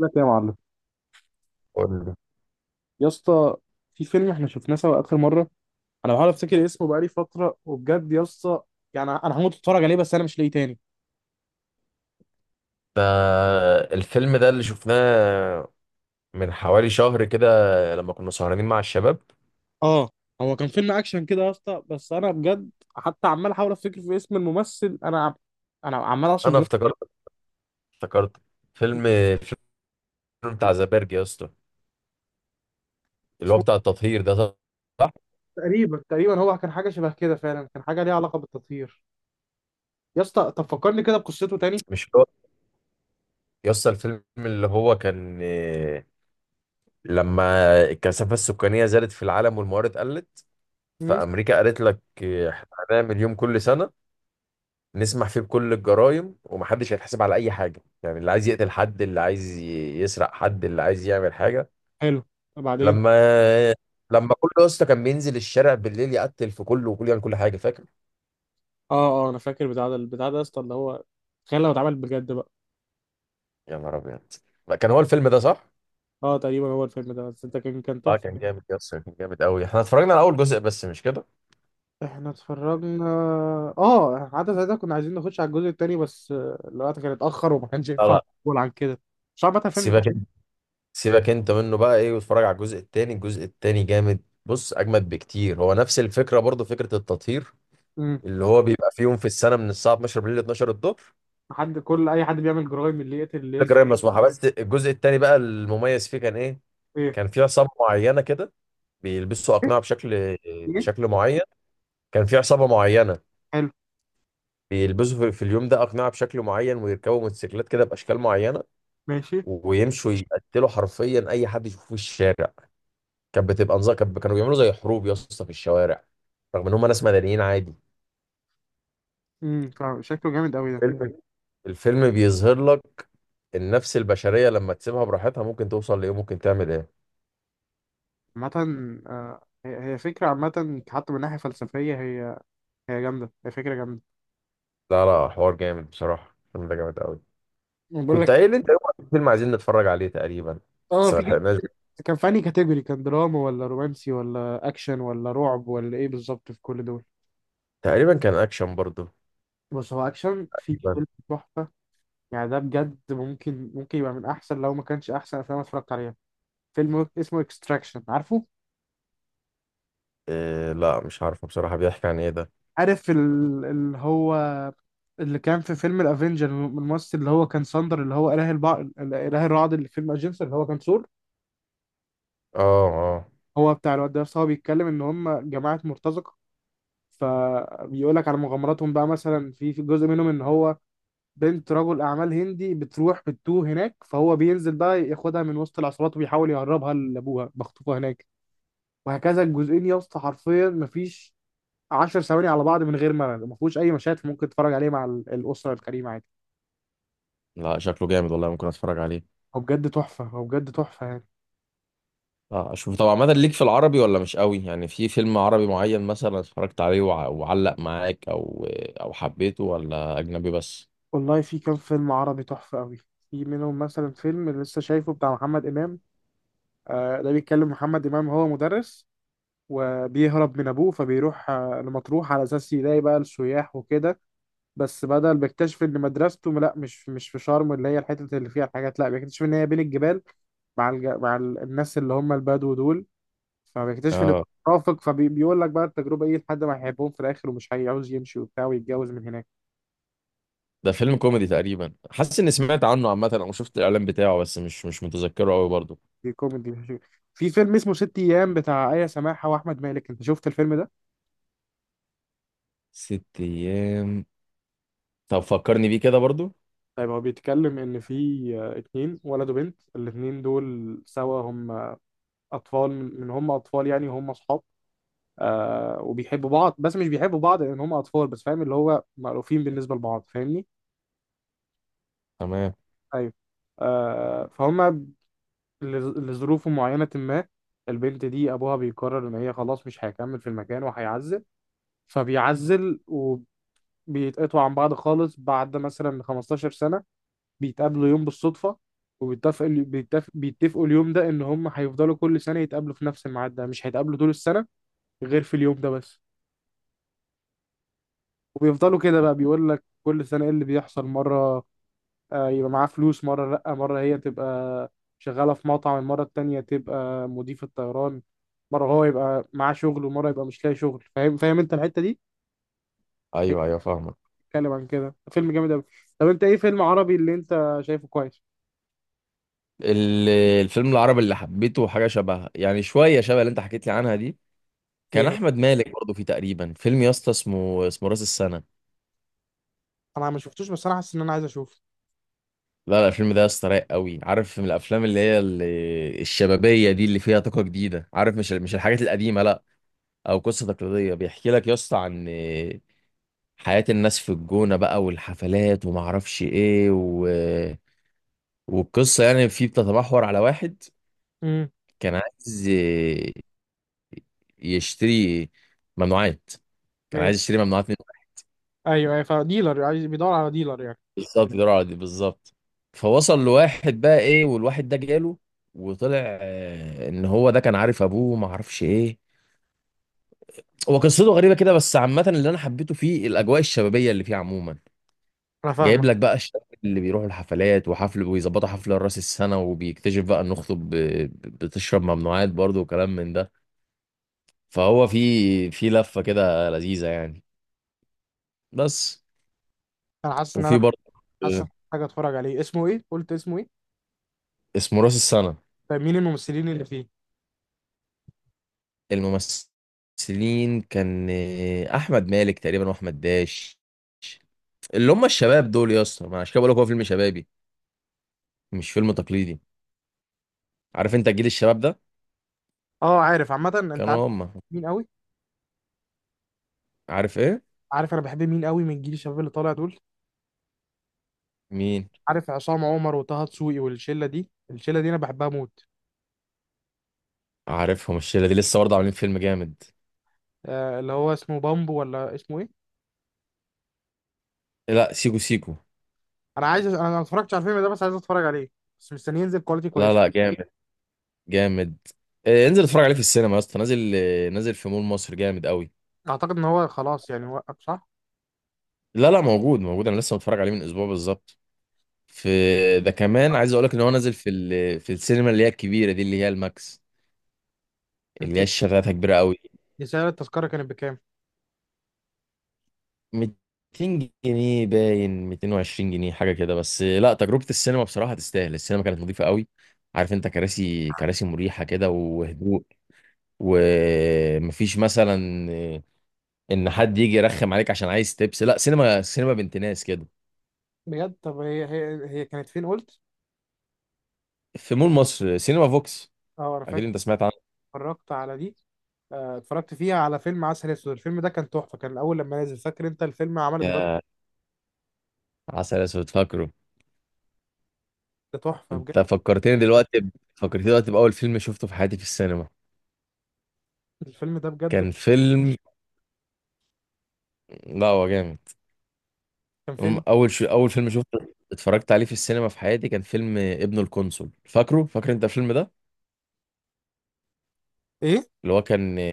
لك يا معلم. قول لي. يا اسطى، في فيلم احنا شفناه سوا اخر مره. انا بحاول افتكر اسمه بقالي فتره، وبجد يا اسطى، يعني انا هموت اتفرج عليه بس انا مش لاقيه تاني. ده الفيلم ده اللي شفناه من حوالي شهر كده، لما كنا سهرانين مع الشباب. اه. هو كان فيلم اكشن كده يا اسطى، بس انا بجد حتى عمال احاول افتكر في اسم الممثل. انا عمال اعصر انا دماغي. افتكرت الفيلم بتاع زبرج يا اسطى، اللي هو اسمه؟ بتاع التطهير ده، صح؟ تقريبا تقريبا هو كان حاجه شبه كده، فعلا كان حاجه ليها علاقه بالتطهير. يا اسطى، طب فكرني كده بقصته تاني. مش هو، يا اسطى، الفيلم اللي هو كان لما الكثافة السكانية زادت في العالم والموارد قلت، امم. فأمريكا قالت لك احنا هنعمل يوم كل سنة نسمح فيه بكل الجرائم ومحدش هيتحاسب على أي حاجة، يعني اللي عايز يقتل حد، اللي عايز يسرق حد، اللي عايز يعمل حاجة. حلو. بعدين؟ لما لما كله يا اسطى كان بينزل الشارع بالليل يقتل في كله وكل يعمل كل حاجه، فاكر؟ اه. اه، انا فاكر بتاع ده البتاع ده يا اسطى، اللي هو تخيل لو اتعمل بجد بقى. يا نهار ابيض! لا، كان هو الفيلم ده، صح. اه، تقريبا هو الفيلم ده، بس انت كان اه، تحفه. كان جامد يا اسطى، كان جامد قوي. احنا اتفرجنا على اول جزء بس، مش كده؟ احنا اتفرجنا. اه، حتى ساعتها كنا عايزين نخش على الجزء التاني بس الوقت كان اتأخر وما كانش لا، ينفع. لا، نقول عن كده. مش عارف بقى. فيلم سيبك تحفة. سيبك انت منه بقى ايه، واتفرج على الجزء التاني. الجزء التاني جامد، بص، اجمد بكتير. هو نفس الفكره برضه، فكره التطهير، امم. اللي هو بيبقى في يوم في السنه، من الساعه 12 بالليل ل 12 الظهر. حد، كل اي حد بيعمل جرايم، اللي يقتل اللي فكره يسرق. غير مسموحه. بس الجزء التاني بقى، المميز فيه كان ايه؟ ايه؟ كان في عصابه معينه كده، بيلبسوا اقنعه ايه؟ بشكل معين. كان في عصابة معينة، حلو. بيلبسوا في اليوم ده أقنعة بشكل معين، ويركبوا موتوسيكلات كده بأشكال معينة، ماشي. ويمشوا يقتلوا حرفيا أي حد يشوفوه في الشارع. كانت بتبقى نظام. كانوا بيعملوا زي حروب يا اسطى في الشوارع، رغم إن هم ناس مدنيين عادي. امم. شكله جامد قوي ده. فيلم الفيلم بيظهر لك النفس البشرية لما تسيبها براحتها، ممكن توصل لإيه، ممكن تعمل إيه. عامة، هي فكرة عامة حتى من ناحية فلسفية. هي جامدة، هي فكرة جامدة. لا، لا، حوار جامد بصراحة، الفيلم ده جامد قوي. أنا بقول كنت لك. قايل أنت يوم فيلم عايزين نتفرج عليه تقريبا، اه، بس ما في كان لحقناش. كان في انهي كاتيجوري؟ كان دراما ولا رومانسي ولا اكشن ولا رعب ولا ايه بالظبط في كل دول؟ تقريبا كان أكشن برضه. بص هو اكشن، في تقريباً. فيلم تحفة. يعني ده بجد، ممكن يبقى من احسن، لو ما كانش احسن افلام أنا اتفرجت عليها. فيلم اسمه اكستراكشن، عارفه؟ إيه؟ لا، مش عارفه بصراحة، بيحكي عن إيه ده؟ عارف اللي هو اللي كان في فيلم الافنجر، الممثل اللي هو كان ساندر، اللي هو اله الرعد اللي في فيلم اجنسر اللي هو كان ثور. اه. اه. هو بتاع الواد ده، بس هو بيتكلم ان هم جماعه مرتزقه. فبيقول لك على مغامراتهم بقى، مثلا في جزء منهم ان هو بنت رجل اعمال هندي بتروح بتتوه هناك، فهو بينزل بقى ياخدها من وسط العصابات وبيحاول يهربها لابوها بخطوبها هناك. وهكذا الجزئين يا اسطى، حرفيا مفيش 10 ثواني على بعض من غير ملل، ما فيهوش اي مشاهد ممكن تتفرج عليه مع الاسره الكريمه عادي. لا، شكله جامد والله، ممكن اتفرج عليه. هو بجد تحفه، هو بجد تحفه يعني. اه، اشوف طبعا. عامه، ليك في العربي ولا مش قوي؟ يعني في فيلم عربي معين مثلا اتفرجت عليه وعلق معاك، او او حبيته، ولا اجنبي بس؟ والله في كام فيلم عربي تحفه قوي. في منهم مثلا فيلم اللي لسه شايفه بتاع محمد امام. ده بيتكلم، محمد امام هو مدرس وبيهرب من ابوه، فبيروح لمطروح على اساس يلاقي بقى السياح وكده. بس بدل، بيكتشف ان مدرسته لا مش في شرم، اللي هي الحته اللي فيها الحاجات، لا بيكتشف ان هي بين الجبال مع الناس اللي هم البدو دول. فبيكتشف ان اه، مرافق، فبيقول لك بقى التجربه ايه لحد ما هيحبهم في الاخر ومش هيعوز يمشي وبتاع ويتجوز من هناك. ده فيلم كوميدي تقريبا، حاسس اني سمعت عنه عامه او شفت الاعلان بتاعه، بس مش متذكره قوي برضو. دي كوميدي. في فيلم اسمه ست ايام بتاع آية سماحة واحمد مالك، انت شفت الفيلم ده؟ ست ايام؟ طب فكرني بيه كده برضو. طيب هو بيتكلم ان في اتنين، ولد وبنت، الاتنين دول سوا هم اطفال، من هم اطفال يعني هم اصحاب. وبيحبوا بعض، بس مش بيحبوا بعض لان هم اطفال بس، فاهم اللي هو مألوفين بالنسبه لبعض، فاهمني؟ تمام. ايوه. فهم لظروف معينة، ما البنت دي أبوها بيقرر إن هي خلاص مش هيكمل في المكان وهيعزل. فبيعزل، وبيتقطعوا عن بعض خالص. بعد مثلا 15 سنة بيتقابلوا يوم بالصدفة، وبيتفقوا بيتفق بيتفقوا اليوم ده إن هم هيفضلوا كل سنة يتقابلوا في نفس الميعاد ده، مش هيتقابلوا طول السنة غير في اليوم ده بس. وبيفضلوا كده بقى بيقول لك كل سنة إيه اللي بيحصل. مرة يبقى معاه فلوس، مرة لأ، مرة هي تبقى شغالة في مطعم، المرة التانية تبقى مضيفة طيران، مرة هو يبقى معاه شغل، ومرة يبقى مش لاقي شغل. فاهم؟ فاهم انت الحتة دي؟ هي ايوه، ايوه، فاهمك. بتتكلم عن كده. فيلم جامد أوي. طب انت ايه فيلم عربي اللي انت شايفه كويس؟ ال- الفيلم العربي اللي حبيته حاجه شبه، يعني شويه شبه اللي انت حكيت لي عنها دي، كان ايه هو؟ احمد مالك برضه فيه تقريبا. فيلم يا اسطى اسمه راس السنه. انا ما شفتوش بس انا حاسس ان انا عايز اشوفه. لا، لا، الفيلم ده يا اسطى رايق قوي، عارف؟ من الافلام اللي هي الشبابيه دي، اللي فيها طاقه جديده، عارف، مش الحاجات القديمه، لا، او قصه تقليديه. بيحكي لك يا اسطى عن حياه الناس في الجونه بقى والحفلات، وما اعرفش ايه. والقصه يعني فيه بتتمحور على واحد امم. كان عايز يشتري ممنوعات ماشي. يشتري ممنوعات. ايوه ايوه، فديلر عايز، بيدور على ديلر يعني. بالظبط، دراع دي بالظبط. فوصل لواحد بقى ايه، والواحد ده جاله، وطلع ان هو ده كان عارف ابوه وما عارفش ايه. هو قصته غريبه كده، بس عامه اللي انا حبيته فيه الاجواء الشبابيه اللي فيه عموما. انا فاهمك. جايب لك بقى الشباب اللي بيروحوا الحفلات وحفل، ويظبطوا حفله راس السنه، وبيكتشف بقى ان اخته بتشرب ممنوعات برضه، وكلام من ده. فهو في لفه كده لذيذه يعني. بس. انا حاسس ان انا وفي برضه. حاسس إن آه، أنا محتاج اتفرج عليه. اسمه ايه؟ قلت اسمه ايه؟ اسمه راس السنه. طيب مين الممثلين اللي فيه؟ الممثلين كان احمد مالك تقريبا، واحمد داش، اللي هم الشباب دول يا اسطى. ما أنا عشان كده بقول لك هو فيلم شبابي، مش فيلم تقليدي، عارف انت جيل الشباب ده؟ اه عارف، عامه انت عارف. كانوا هم. مين قوي؟ عارف ايه؟ عارف انا بحب مين قوي من الجيل الشباب اللي طالع دول؟ مين؟ عارف، عصام عمر وطه دسوقي، والشله دي الشله دي انا بحبها موت. عارفهم الشله دي، لسه برضه عاملين فيلم جامد. اللي هو اسمه بامبو ولا اسمه ايه؟ لا، سيكو سيكو. انا ما اتفرجتش على الفيلم ده بس عايز اتفرج عليه، بس مستني ينزل كواليتي لا، كويس. لا، جامد، جامد. انزل اتفرج عليه في السينما يا اسطى، نازل في مول مصر، جامد قوي. اعتقد ان هو خلاص يعني وقف، صح؟ لا، لا، موجود، موجود، انا لسه متفرج عليه من اسبوع بالظبط. في، ده كمان عايز اقول لك ان هو نازل في السينما اللي هي الكبيره دي، اللي هي الماكس، انت اللي هي الشغافة كبيرة قوي. سعر التذكره كانت بكام؟ 200 جنيه باين 220 جنيه حاجة كده، بس لا، تجربة السينما بصراحة تستاهل. السينما كانت نظيفة قوي، عارف انت، كراسي كراسي مريحة كده، وهدوء، ومفيش مثلا ان حد يجي يرخم عليك عشان عايز تبس، لا، سينما سينما بنت ناس كده. بجد؟ طب هي كانت فين قلت؟ في مول مصر، سينما فوكس، اه، انا اكيد فاكر، انت سمعت عنه. اتفرجت على دي. اتفرجت فيها على فيلم عسل اسود. الفيلم ده كان تحفه، كان الاول لما نزل، فاكر انت الفيلم عمل الضجه؟ يا عسل اسود، فاكره؟ تحفه بجد. انت فكرتني دلوقتي باول فيلم شفته في حياتي في السينما. الفيلم ده بجد كان فيلم، لا هو جامد، كان فيلم. اول فيلم شفته، اتفرجت عليه في السينما في حياتي، كان فيلم ابن القنصل، فاكره، فاكر انت الفيلم ده، ايه؟ اللي هو كان،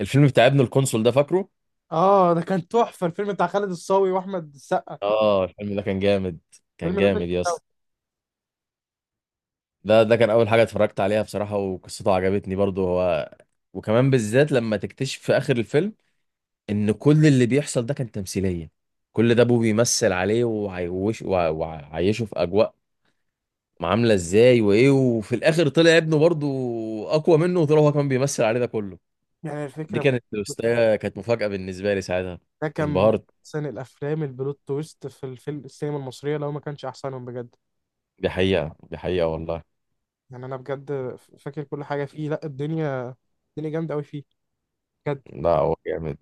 الفيلم بتاع ابن القنصل ده، فاكره؟ اه، ده كان تحفه، الفيلم بتاع خالد الصاوي واحمد السقا. اه، الفيلم ده كان جامد، فيلم كان ده كان جامد يا اسطى. تحفة. ده كان اول حاجه اتفرجت عليها بصراحه، وقصته عجبتني برضو هو، وكمان بالذات لما تكتشف في اخر الفيلم ان كل اللي بيحصل ده كان تمثيليه، كل ده ابوه بيمثل عليه وعيوش وعيشه في اجواء عامله ازاي وايه، وفي الاخر طلع ابنه برضو اقوى منه، وطلع هو كمان بيمثل عليه ده كله، يعني دي الفكره كانت توستاية، كانت مفاجأة بالنسبة لي ساعتها، ده كان من انبهرت. احسن الافلام، البلوت تويست في السينما المصريه لو ما كانش احسنهم بجد. دي حقيقة، دي حقيقة والله. يعني انا بجد فاكر كل حاجه فيه. لا الدنيا، الدنيا جامده قوي فيه بجد. لا هو جامد.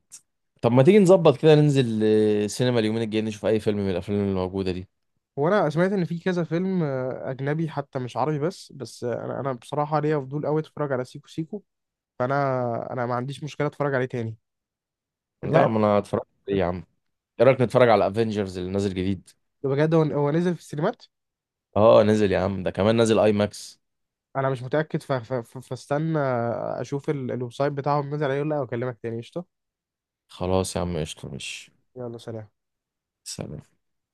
طب ما تيجي نظبط كده ننزل سينما اليومين الجايين، نشوف أي فيلم من الأفلام اللي موجودة دي؟ وانا سمعت ان في كذا فيلم اجنبي حتى، مش عربي، بس انا بصراحه ليا فضول قوي اتفرج على سيكو سيكو. فانا، انا ما عنديش مشكله اتفرج عليه تاني. لا، انت ما أنا هتفرج عليه يا عم. إيه رأيك نتفرج على أفينجرز اللي نازل جديد؟ بجد؟ هو نزل في السينمات؟ أه، نازل يا عم، ده كمان نازل أي ماكس. انا مش متاكد، فاستنى، اشوف الويب سايت بتاعهم نزل عليه ولا لا، واكلمك تاني. قشطه. خلاص يا عم، قشطة، مش. يلا، سلام. سلام.